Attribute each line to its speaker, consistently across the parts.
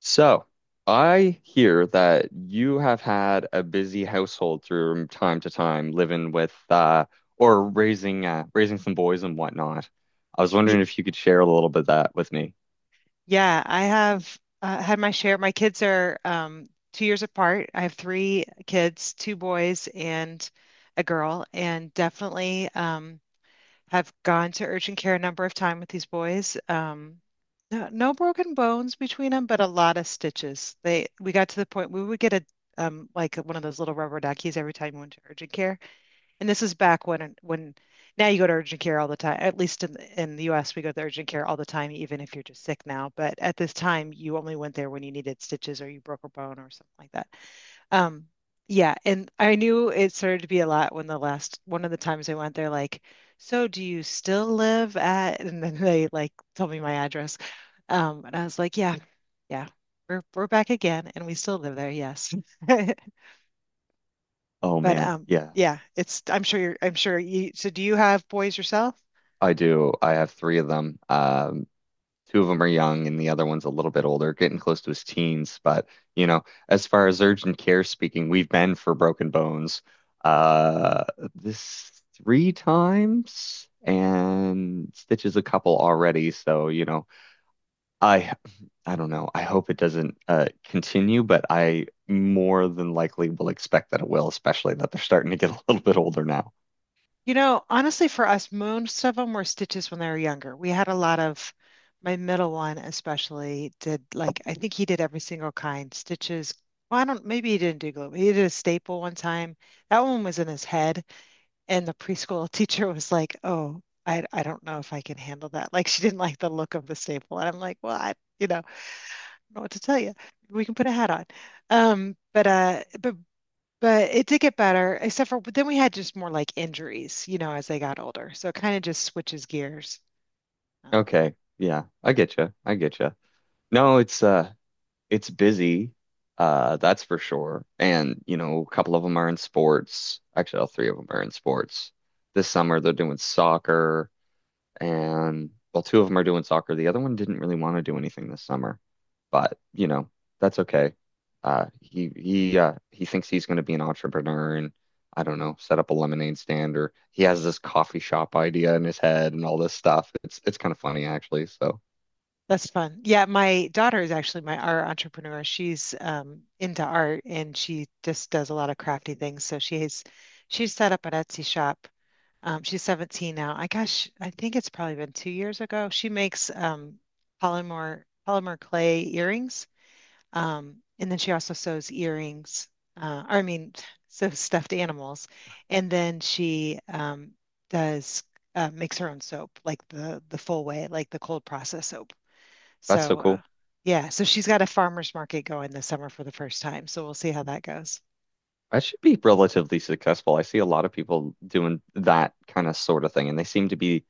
Speaker 1: So, I hear that you have had a busy household through time to time, living with or raising raising some boys and whatnot. I was
Speaker 2: Y
Speaker 1: wondering if you could share a little bit of that with me.
Speaker 2: yeah, I have had my share. My kids are 2 years apart. I have three kids, two boys and a girl, and definitely have gone to urgent care a number of times with these boys. No, no broken bones between them, but a lot of stitches. They we got to the point we would get a like one of those little rubber duckies every time we went to urgent care. And this is back when now you go to urgent care all the time. At least in the U.S., we go to urgent care all the time, even if you're just sick now. But at this time, you only went there when you needed stitches or you broke a bone or something like that. Um, yeah, and I knew it started to be a lot when the last one of the times I went there, like, so do you still live at? And then they like told me my address, and I was like, yeah, yeah, we're back again, and we still live there. Yes.
Speaker 1: Oh
Speaker 2: But
Speaker 1: man, yeah,
Speaker 2: yeah, it's I'm sure you're I'm sure you so do you have boys yourself?
Speaker 1: I do. I have three of them. Two of them are young and the other one's a little bit older, getting close to his teens. But, you know, as far as urgent care speaking, we've been for broken bones uh this three times and stitches a couple already. So, you know, I I don't know. I hope it doesn't continue, but I more than likely will expect that it will, especially that they're starting to get a little bit older now.
Speaker 2: Honestly, for us, most of them were stitches when they were younger. We had a lot of, my middle one especially did like, I think he did every single kind stitches. Well, I don't, maybe he didn't do glue, but he did a staple one time. That one was in his head. And the preschool teacher was like, oh, I don't know if I can handle that. Like, she didn't like the look of the staple. And I'm like, well, I don't know what to tell you. We can put a hat on. Um, but, uh, but But it did get better, except for but then we had just more like injuries, you know, as they got older. So it kind of just switches gears. Um,
Speaker 1: Okay. Yeah, I get you. I get you. No, it's busy, that's for sure. And, you know, a couple of them are in sports. Actually, all three of them are in sports. This summer they're doing soccer and well, two of them are doing soccer. The other one didn't really want to do anything this summer. But, you know, that's okay. He thinks he's going to be an entrepreneur and I don't know, set up a lemonade stand or he has this coffee shop idea in his head and all this stuff. It's kind of funny actually. So
Speaker 2: that's fun. Yeah, my daughter is actually my our entrepreneur. She's into art and she just does a lot of crafty things. So she's set up an Etsy shop. She's 17 now. I Gosh, I think it's probably been 2 years ago. She makes polymer clay earrings. And then she also sews earrings, or I mean, sews stuffed animals. And then she does makes her own soap, like the full way, like the cold process soap.
Speaker 1: that's so
Speaker 2: So
Speaker 1: cool.
Speaker 2: yeah, so she's got a farmer's market going this summer for the first time. So we'll see how that goes.
Speaker 1: That should be relatively successful. I see a lot of people doing that kind of sort of thing, and they seem to be,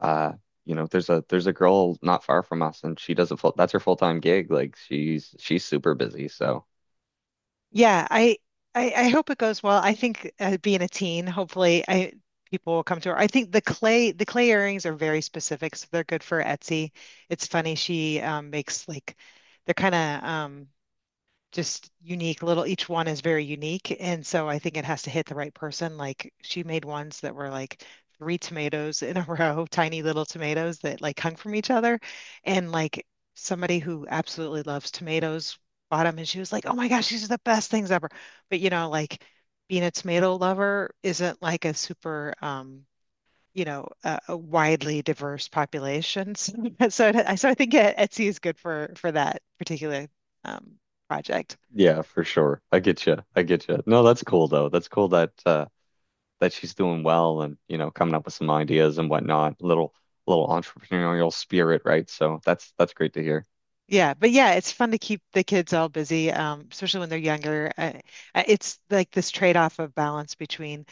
Speaker 1: uh, you know, there's a girl not far from us, and she does a full that's her full-time gig. Like she's super busy. So
Speaker 2: Yeah, I hope it goes well. I think being a teen, hopefully, I people will come to her. I think the clay earrings are very specific, so they're good for Etsy. It's funny, she makes like they're kind of just unique little each one is very unique, and so I think it has to hit the right person, like she made ones that were like three tomatoes in a row, tiny little tomatoes that like hung from each other. And like somebody who absolutely loves tomatoes bought them, and she was like, oh my gosh, these are the best things ever. But you know, like being a tomato lover isn't like a super a widely diverse population. So, so I think Etsy is good for that particular um project.
Speaker 1: yeah, for sure. I get you. I get you. No, that's cool though. That's cool that that she's doing well and you know coming up with some ideas and whatnot. Little entrepreneurial spirit, right? So that's great to hear.
Speaker 2: Yeah, but yeah, it's fun to keep the kids all busy, especially when they're younger. It's like this trade-off of balance between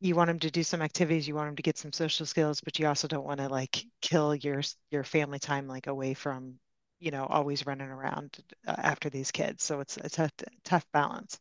Speaker 2: you want them to do some activities, you want them to get some social skills, but you also don't want to like kill your your family time, like away from, you know, always running around after these kids. So it's a tough balance.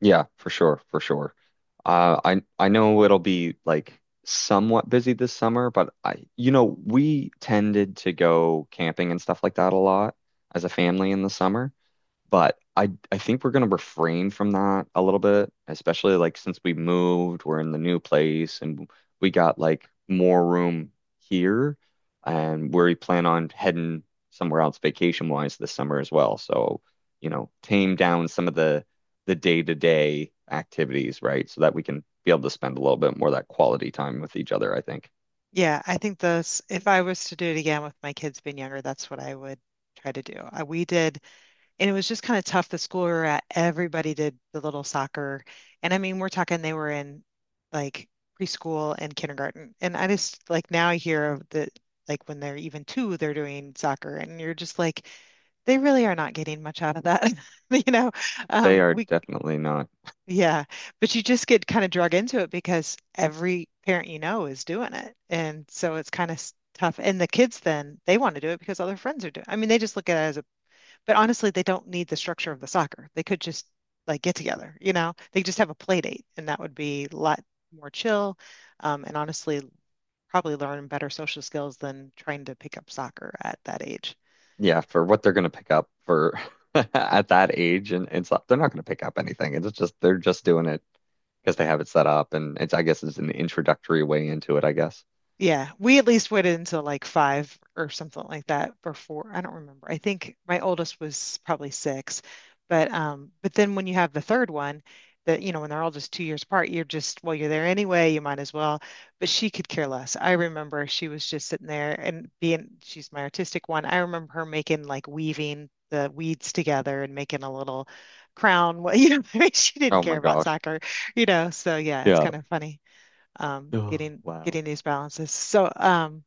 Speaker 1: Yeah, for sure, for sure. I know it'll be like somewhat busy this summer, but I you know, we tended to go camping and stuff like that a lot as a family in the summer. But I think we're gonna refrain from that a little bit, especially like since we moved, we're in the new place and we got like more room here and where we plan on heading somewhere else vacation wise this summer as well. So, you know, tame down some of the day-to-day activities, right? So that we can be able to spend a little bit more of that quality time with each other, I think.
Speaker 2: Yeah, I think those if I was to do it again with my kids being younger, that's what I would try to do. We did, and it was just kind of tough. The school we were at, everybody did the little soccer, and I mean we're talking they were in like preschool and kindergarten. And I just like, now I hear that like when they're even two they're doing soccer, and you're just like, they really are not getting much out of that. You know,
Speaker 1: They are
Speaker 2: we
Speaker 1: definitely not
Speaker 2: yeah, but you just get kind of drug into it because every parent, you know, is doing it, and so it's kind of tough. And the kids then they want to do it because all their friends are doing, I mean they just look at it as a, but honestly, they don't need the structure of the soccer. They could just like get together, you know? They just have a play date and that would be a lot more chill. And honestly, probably learn better social skills than trying to pick up soccer at that age.
Speaker 1: yeah, for what they're gonna pick up for at that age and stuff, they're not gonna pick up anything. It's just they're just doing it because they have it set up and it's I guess it's an introductory way into it, I guess.
Speaker 2: Yeah, we at least waited until like five or something like that before. I don't remember. I think my oldest was probably six, but but then when you have the third one, that you know when they're all just 2 years apart, you're just, well, you're there anyway. You might as well. But she could care less. I remember she was just sitting there and being. She's my artistic one. I remember her making like weaving the weeds together and making a little crown. Well, you know, she didn't
Speaker 1: Oh
Speaker 2: care
Speaker 1: my
Speaker 2: about
Speaker 1: gosh.
Speaker 2: soccer, So yeah, it's
Speaker 1: Yeah.
Speaker 2: kind of funny
Speaker 1: Oh,
Speaker 2: getting
Speaker 1: wow.
Speaker 2: getting these balances. So,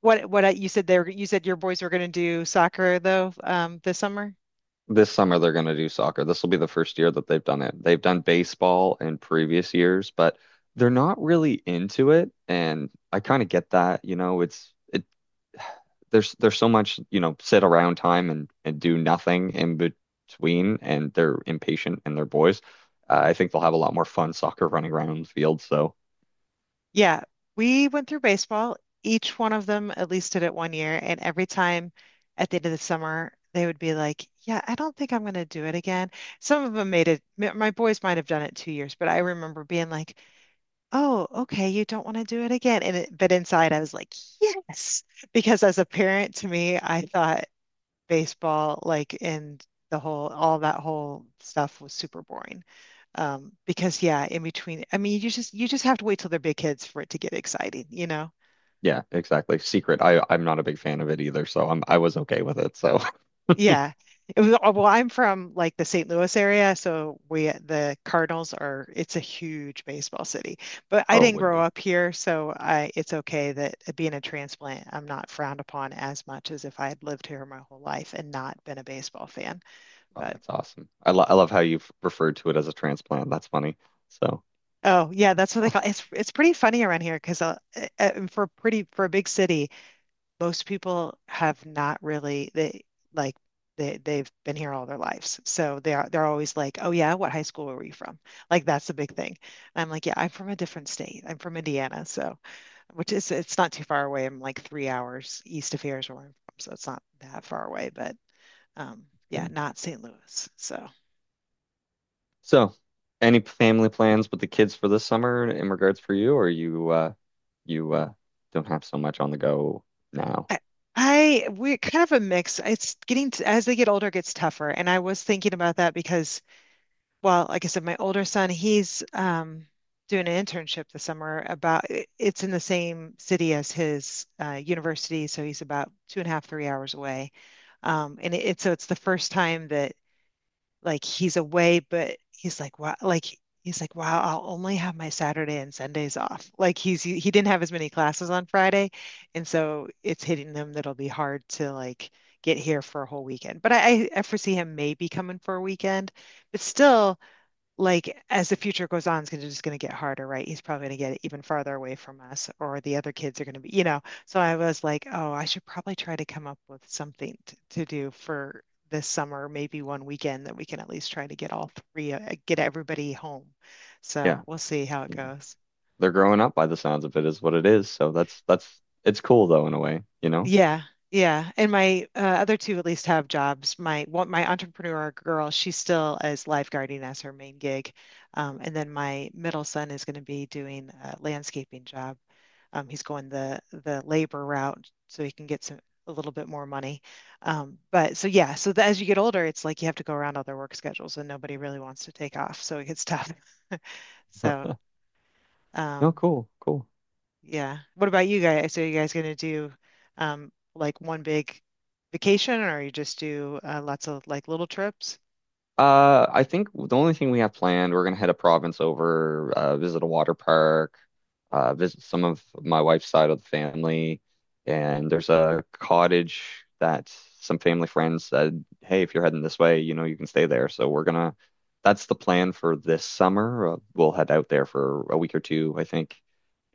Speaker 2: you said your boys were going to do soccer though, this summer.
Speaker 1: This summer they're gonna do soccer. This will be the first year that they've done it. They've done baseball in previous years, but they're not really into it. And I kind of get that, you know, it's it there's so much, you know, sit around time and do nothing in between, and they're impatient and they're boys. I think they'll have a lot more fun soccer running around on the field. So
Speaker 2: Yeah, we went through baseball. Each one of them at least did it 1 year, and every time at the end of the summer, they would be like, "Yeah, I don't think I'm going to do it again." Some of them made it. My boys might have done it 2 years, but I remember being like, "Oh, okay, you don't want to do it again." And but inside, I was like, "Yes," because as a parent, to me, I thought baseball, like, and the whole, all that whole stuff was super boring. Because yeah, in between, I mean, you just have to wait till they're big kids for it to get exciting, you know?
Speaker 1: yeah, exactly. Secret. I'm not a big fan of it either, so I was okay with it. So
Speaker 2: Yeah. It was, oh, well, I'm from like the St. Louis area, so we the Cardinals are it's a huge baseball city. But I
Speaker 1: oh, it
Speaker 2: didn't
Speaker 1: would
Speaker 2: grow
Speaker 1: be.
Speaker 2: up here, so I it's okay that being a transplant, I'm not frowned upon as much as if I had lived here my whole life and not been a baseball fan.
Speaker 1: Oh,
Speaker 2: But
Speaker 1: that's awesome. I love how you've referred to it as a transplant. That's funny. So
Speaker 2: oh, yeah, that's what they call it's pretty funny around here because for a big city, most people have not really like they've been here all their lives. So they're always like, "Oh yeah, what high school were you from?" Like that's the big thing. And I'm like, "Yeah, I'm from a different state. I'm from Indiana." So which is it's not too far away. I'm like 3 hours east of here is where I'm from, so it's not that far away, but yeah,
Speaker 1: good.
Speaker 2: not St. Louis. So
Speaker 1: So any family plans with the kids for this summer in regards for you, or you don't have so much on the go now?
Speaker 2: I we kind of a mix. It's getting t as they get older, it gets tougher. And I was thinking about that because, well, like I said, my older son, he's doing an internship this summer it's in the same city as his university, so he's about 2.5, 3 hours away. And it, it's so it's the first time that like he's away, but he's like, wow, like he's like, wow, I'll only have my Saturday and Sundays off. Like he didn't have as many classes on Friday, and so it's hitting them that'll be hard to like get here for a whole weekend. But I foresee him maybe coming for a weekend, but still like as the future goes on, it's gonna, just going to get harder, right? He's probably going to get even farther away from us, or the other kids are going to be, you know. So I was like, oh, I should probably try to come up with something to do for this summer, maybe one weekend that we can at least try to get all three, get everybody home. So
Speaker 1: Yeah.
Speaker 2: we'll see how it goes.
Speaker 1: They're growing up by the sounds of it is what it is. So that's it's cool though in a way, you know?
Speaker 2: Yeah, yeah. And my other two at least have jobs. My one, my entrepreneur girl, she's still as lifeguarding as her main gig, and then my middle son is going to be doing a landscaping job. He's going the labor route so he can get some a little bit more money. But so yeah, so as you get older, it's like you have to go around all their work schedules, and nobody really wants to take off, so it gets tough. So
Speaker 1: No,
Speaker 2: um,
Speaker 1: cool, cool.
Speaker 2: yeah. What about you guys? So you guys gonna do like one big vacation, or you just do lots of like little trips?
Speaker 1: I think the only thing we have planned, we're gonna head a province over, visit a water park, visit some of my wife's side of the family, and there's a cottage that some family friends said, hey, if you're heading this way, you know, you can stay there. So we're gonna, that's the plan for this summer. We'll head out there for a week or two, I think,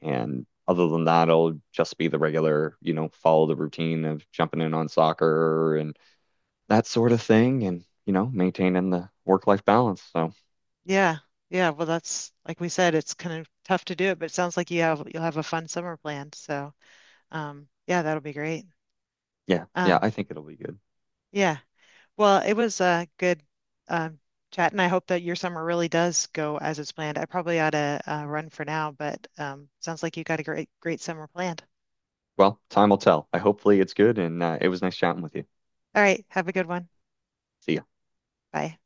Speaker 1: and other than that, I'll just be the regular, you know, follow the routine of jumping in on soccer and that sort of thing and, you know, maintaining the work-life balance. So,
Speaker 2: Yeah. Yeah, well that's like we said, it's kind of tough to do it, but it sounds like you'll have a fun summer planned. So, yeah, that'll be great.
Speaker 1: yeah, yeah,
Speaker 2: Um
Speaker 1: I think it'll be good.
Speaker 2: yeah. Well, it was good um chat, and I hope that your summer really does go as it's planned. I probably ought to run for now, but sounds like you got a great summer planned.
Speaker 1: Well, time will tell. I hopefully it's good and it was nice chatting with you.
Speaker 2: All right, have a good one.
Speaker 1: See ya.
Speaker 2: Bye.